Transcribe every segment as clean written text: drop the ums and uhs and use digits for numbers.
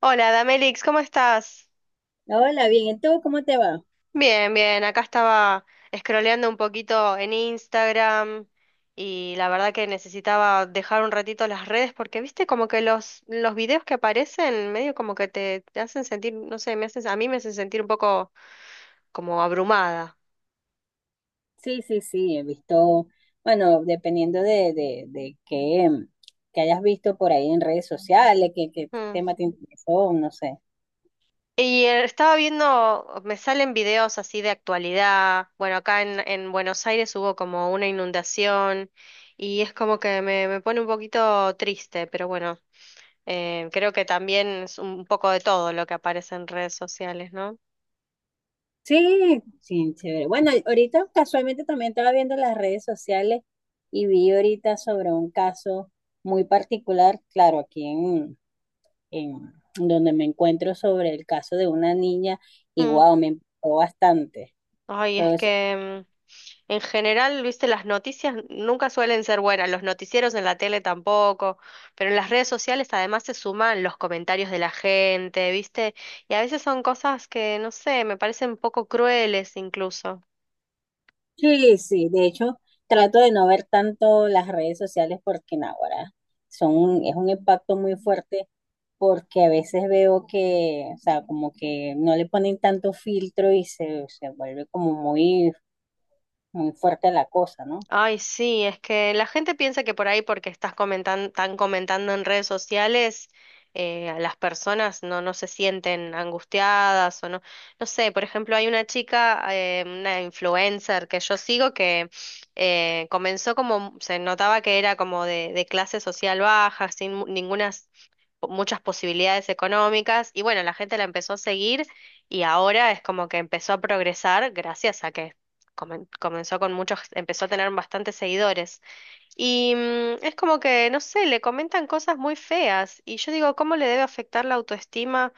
Hola, Damelix, ¿cómo estás? Hola, bien. ¿Y tú cómo te va? Bien, bien, acá estaba scrolleando un poquito en Instagram y la verdad que necesitaba dejar un ratito las redes porque viste como que los videos que aparecen medio como que te hacen sentir, no sé, me haces, a mí me hacen sentir un poco como abrumada. Sí, sí, sí, he visto, bueno, dependiendo de qué, que hayas visto por ahí en redes sociales, qué Mm. tema te interesó, no sé. Y estaba viendo, me salen videos así de actualidad. Bueno, acá en Buenos Aires hubo como una inundación y es como que me pone un poquito triste, pero bueno, creo que también es un poco de todo lo que aparece en redes sociales, ¿no? Sí, sí, chévere. Bueno, ahorita casualmente también estaba viendo las redes sociales y vi ahorita sobre un caso muy particular, claro, en donde me encuentro sobre el caso de una niña y Mm. wow, me impactó bastante. Ay, es que en general, viste, las noticias nunca suelen ser buenas, los noticieros en la tele tampoco, pero en las redes sociales además se suman los comentarios de la gente, viste, y a veces son cosas que, no sé, me parecen un poco crueles incluso. Sí, sí, de hecho, trato de no ver tanto las redes sociales porque no, ahora es un impacto muy fuerte porque a veces veo que, o sea, como que no le ponen tanto filtro y se vuelve como muy fuerte la cosa, ¿no? Ay, sí, es que la gente piensa que por ahí porque estás comentando, están comentando en redes sociales, las personas no se sienten angustiadas o no, no sé, por ejemplo, hay una chica, una influencer que yo sigo que comenzó como, se notaba que era como de clase social baja, sin ninguna muchas posibilidades económicas y bueno, la gente la empezó a seguir y ahora es como que empezó a progresar gracias a que comenzó con muchos, empezó a tener bastantes seguidores. Y es como que, no sé, le comentan cosas muy feas y yo digo, ¿cómo le debe afectar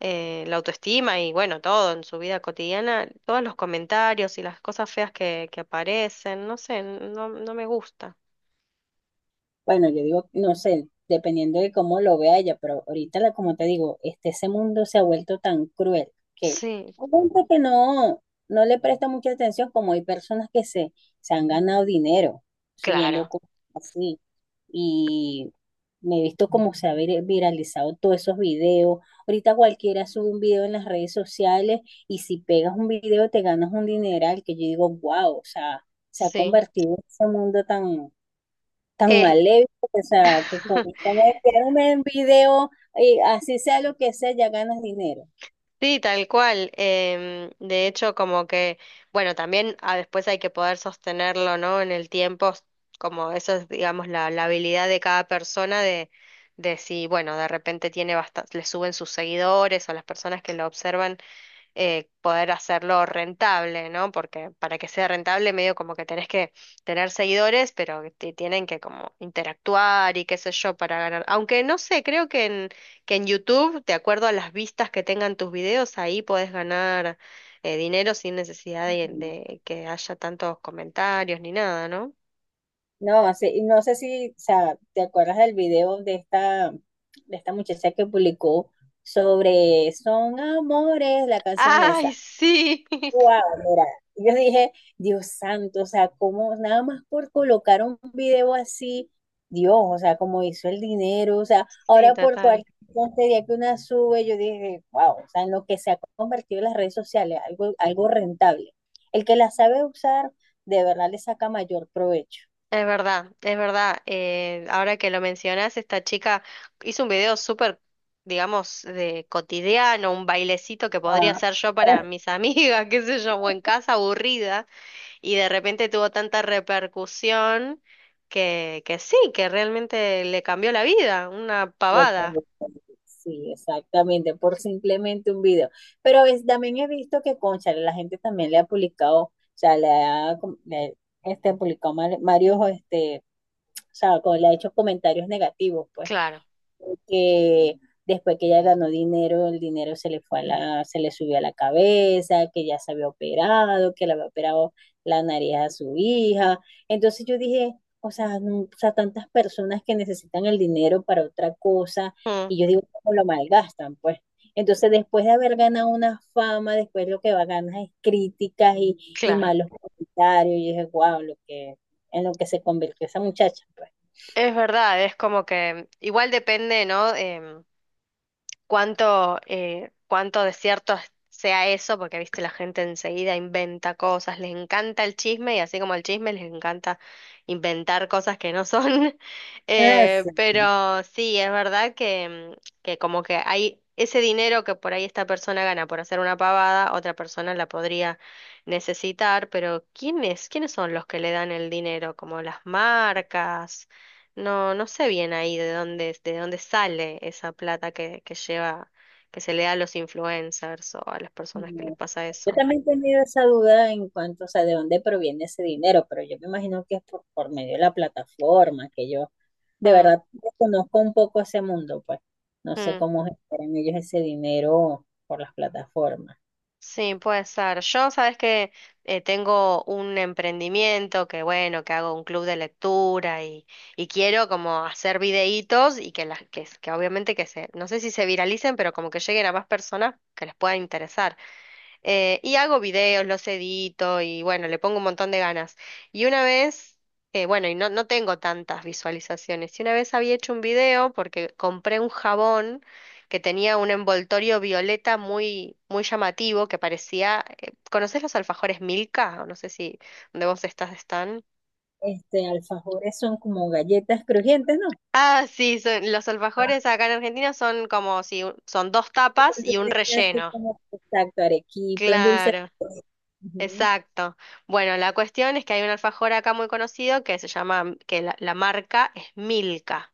la autoestima y bueno, todo en su vida cotidiana, todos los comentarios y las cosas feas que aparecen, no sé, no me gusta. Bueno, yo digo, no sé, dependiendo de cómo lo vea ella, pero ahorita, como te digo, este, ese mundo se ha vuelto tan cruel que Sí, hay gente que no le presta mucha atención, como hay personas que se han ganado dinero subiendo claro, cosas así. Y me he visto cómo se ha viralizado todos esos videos. Ahorita cualquiera sube un video en las redes sociales y si pegas un video te ganas un dineral que yo digo, wow, o sea, se ha sí. convertido en ese mundo tan tan Eh, maléfico, o sea, que con enviarme un video, y así sea lo que sea, ya ganas dinero. Sí, tal cual. De hecho, como que, bueno, también después hay que poder sostenerlo, ¿no? En el tiempo, como eso es, digamos, la habilidad de cada persona de si, bueno, de repente tiene bastante, le suben sus seguidores o las personas que lo observan poder hacerlo rentable, ¿no? Porque para que sea rentable, medio como que tenés que tener seguidores, pero que te tienen que como interactuar y qué sé yo para ganar. Aunque no sé, creo que que en YouTube, de acuerdo a las vistas que tengan tus videos, ahí podés ganar dinero sin necesidad Ujú. de que haya tantos comentarios ni nada, ¿no? No, no sé si, o sea, ¿te acuerdas del video de de esta muchacha que publicó sobre Son Amores, la canción Ay, esa? sí. Wow, mira, yo dije, Dios santo, o sea, como nada más por colocar un video así, Dios, o sea, como hizo el dinero, o sea, Sí, ahora por total. cualquier tontería que una sube, yo dije, wow, o sea, en lo que se ha convertido en las redes sociales, algo rentable. El que la sabe usar, de verdad le saca mayor provecho. Es verdad, es verdad. Ahora que lo mencionas, esta chica hizo un video súper, digamos, de cotidiano, un bailecito que podría Ah, hacer yo para mis amigas, qué sé yo, o en casa aburrida, y de repente tuvo tanta repercusión que sí, que realmente le cambió la vida, una Lo pavada. conductores, sí, exactamente, por simplemente un video. Pero también he visto que, cónchale, la gente también le ha publicado, o sea, le ha com- le- este, varios, este, o sea, como le ha hecho comentarios negativos, pues Claro, que después que ella ganó dinero, el dinero se le fue a se le subió a la cabeza, que ya se había operado, que le había operado la nariz a su hija. Entonces yo dije, o sea, o sea, tantas personas que necesitan el dinero para otra cosa, mm, y yo digo, ¿cómo lo malgastan? Pues. Entonces, después de haber ganado una fama, después lo que va a ganar es críticas y claro. malos comentarios. Y yo dije, wow, en lo que se convirtió esa muchacha, pues. Es verdad, es como que igual depende, ¿no? Cuánto, cuánto de cierto sea eso, porque viste, la gente enseguida inventa cosas, les encanta el chisme y así como el chisme les encanta inventar cosas que no son. Ah, sí. Pero sí, es verdad que, que como que hay ese dinero que por ahí esta persona gana por hacer una pavada, otra persona la podría necesitar, pero ¿quiénes, quiénes son los que le dan el dinero? Como las marcas. No, no sé bien ahí de dónde sale esa plata que lleva, que se le da a los influencers o a las personas que les No. pasa Yo eso. también he tenido esa duda en cuanto, o sea, de dónde proviene ese dinero, pero yo me imagino que es por medio de la plataforma, que yo de Mm, verdad conozco un poco ese mundo, pues no sé mm. cómo generan ellos ese dinero por las plataformas. Sí, puede ser. Yo, sabes que tengo un emprendimiento que, bueno, que hago un club de lectura y quiero como hacer videitos y que las que obviamente que se, no sé si se viralicen, pero como que lleguen a más personas que les pueda interesar. Y hago videos, los edito y bueno, le pongo un montón de ganas. Y una vez, bueno, y no, no tengo tantas visualizaciones. Y una vez había hecho un video porque compré un jabón que tenía un envoltorio violeta muy, muy llamativo que parecía. ¿Conocés los alfajores Milka? O no sé si donde vos estás están. Este, alfajores son como galletas crujientes, ¿no? Ah, sí, los Ah, alfajores acá en Argentina son como si son dos que tapas y un contienen casi relleno. como, exacto, arequipe, un dulce. Claro. Ujú, Exacto. Bueno, la cuestión es que hay un alfajor acá muy conocido que se llama, que la marca es Milka.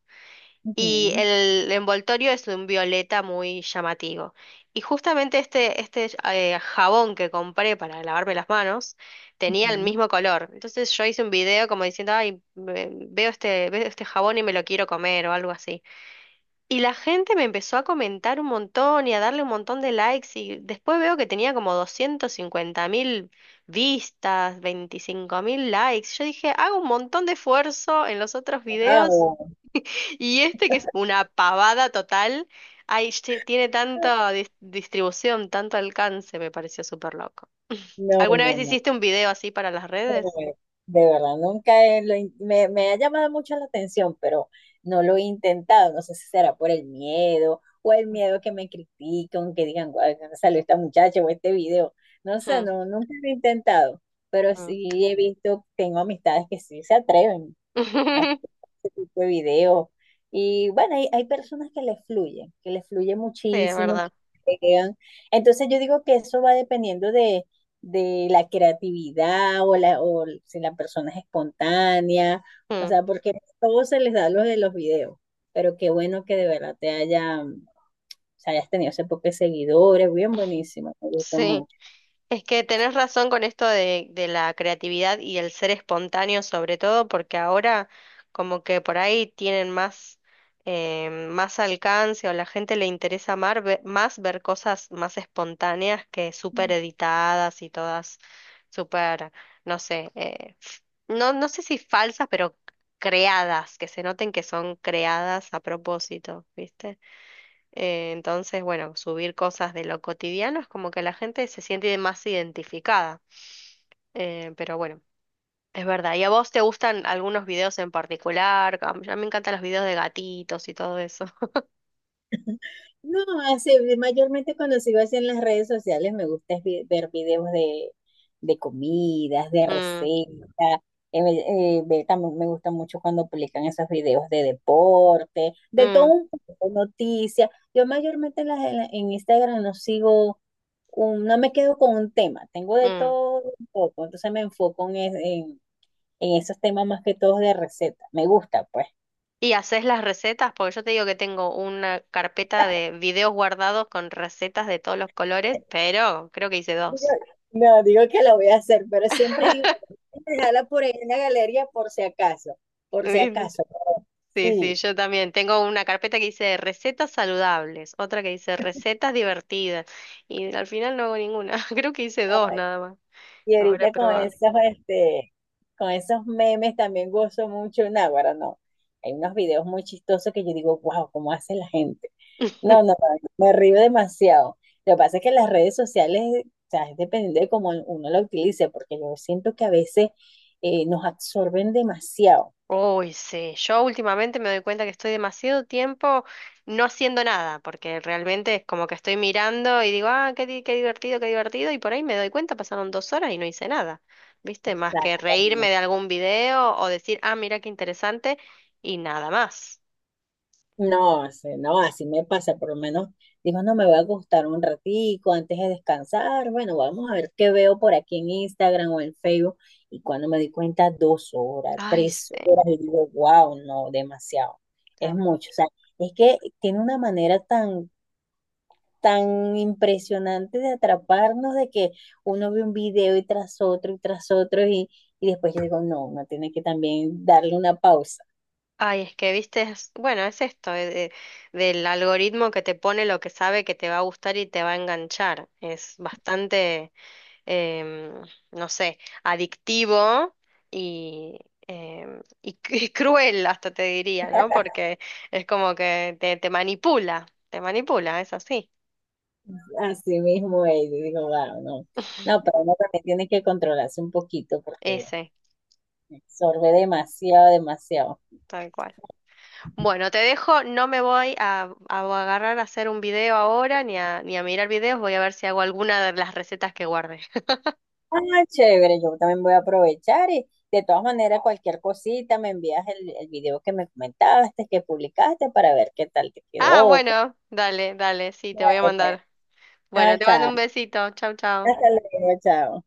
Y ujú, el envoltorio es de un violeta muy llamativo. Y justamente este, este jabón que compré para lavarme las manos tenía el ujú. mismo color. Entonces yo hice un video como diciendo, ay, veo este jabón y me lo quiero comer o algo así. Y la gente me empezó a comentar un montón y a darle un montón de likes y después veo que tenía como 250.000 vistas, 25.000 likes. Yo dije, hago un montón de esfuerzo en los otros videos Guau. y este que es una pavada total, ay, che, tiene tanta distribución, tanto alcance, me pareció súper loco. No, ¿Alguna no, vez no. hiciste un video así para las redes? Eh, De verdad, nunca he- lo in- me ha llamado mucho la atención, pero no lo he intentado. No sé si será por el miedo o el miedo que me critiquen, que digan, guau, ¿dónde salió esta muchacha o este video? No sé, Mm, no, nunca lo he intentado, pero mm. sí he visto, tengo amistades que sí se atreven a ese tipo de video. Y bueno, hay personas que les fluyen, que les fluye Sí, es muchísimo, que verdad. se quedan. Entonces yo digo que eso va dependiendo de la creatividad o, o si la persona es espontánea, o Mm, sea, porque no todo se les da lo de los videos. Pero qué bueno que de verdad te haya, o sea, hayas tenido ese poco de seguidores, bien buenísimo, me gustó Sí. mucho. Es que tenés razón con esto de la creatividad y el ser espontáneo sobre todo, porque ahora como que por ahí tienen más, más alcance o la gente le interesa más ver cosas más espontáneas que súper editadas y todas súper, no sé, no sé si falsas, pero creadas, que se noten que son creadas a propósito, ¿viste? Entonces, bueno, subir cosas de lo cotidiano es como que la gente se siente más identificada. Pero bueno, es verdad. ¿Y a vos te gustan algunos videos en particular? A mí me encantan los videos de gatitos y todo eso. No, así, mayormente cuando sigo así en las redes sociales me gusta es ver videos de comidas, de Mm, recetas. eh, también me gusta mucho cuando publican esos videos de deporte, de todo mm, un poco, noticias. Yo mayormente en, las- en la- en Instagram no sigo, no me quedo con un tema, tengo de mm. todo un poco, entonces me enfoco en en esos temas más que todos de recetas. Me gusta, pues. ¿Y haces las recetas? Porque yo te digo que tengo una carpeta de videos guardados con recetas de todos los colores, pero creo que hice Digo- dos. No, digo que la voy a hacer, pero siempre digo, dejarla por ahí en la galería por si acaso, por si acaso. Sí, sí, Sí, yo también. Tengo una carpeta que dice recetas saludables, otra que dice recetas divertidas y al final no hago ninguna. Creo que hice dos nada más. y Ahora he ahorita con probado. Este, con esos memes también gozo mucho, Náguara, no. Hay unos videos muy chistosos que yo digo, wow, ¿cómo hace la gente? No, no, no, me río demasiado. Lo que pasa es que las redes sociales, o sea, es dependiendo de cómo uno la utilice, porque yo siento que a veces nos absorben demasiado. Uy, sí, yo últimamente me doy cuenta que estoy demasiado tiempo no haciendo nada, porque realmente es como que estoy mirando y digo, ah, qué, qué divertido, y por ahí me doy cuenta, pasaron 2 horas y no hice nada, ¿viste? Más que Exacto. reírme de algún video o decir, ah, mira qué interesante, y nada más. No, así, no, así me pasa, por lo menos digo, no me va a gustar un ratico antes de descansar, bueno, vamos a ver qué veo por aquí en Instagram o en Facebook, y cuando me di cuenta, dos horas, Ay, tres sí. horas, y digo, wow, no, demasiado, es mucho, o sea, es que tiene una manera tan impresionante de atraparnos, de que uno ve un video y tras otro y tras otro, y después yo digo, no, uno tiene que también darle una pausa. Ay, es que viste, bueno, es esto, del algoritmo que te pone lo que sabe que te va a gustar y te va a enganchar. Es bastante, em, no sé, adictivo y, y, y cruel hasta te diría, ¿no? Porque es como que te manipula, es así, Así mismo es, y digo, wow, no. No, pero uno también tiene que controlarse un poquito porque ese, absorbe demasiado, demasiado. tal cual. Bueno, te dejo, no me voy a agarrar a hacer un video ahora ni a mirar videos, voy a ver si hago alguna de las recetas que guardé. Ah, chévere, yo también voy a aprovechar y de todas maneras cualquier cosita me envías el video que me comentaste, que publicaste para ver qué tal te Ah, quedó, cómo bueno, dale, dale, sí, te voy a fue. mandar. Ah, Bueno, te mando chao. un besito. Chau, chau. Hasta luego, chao.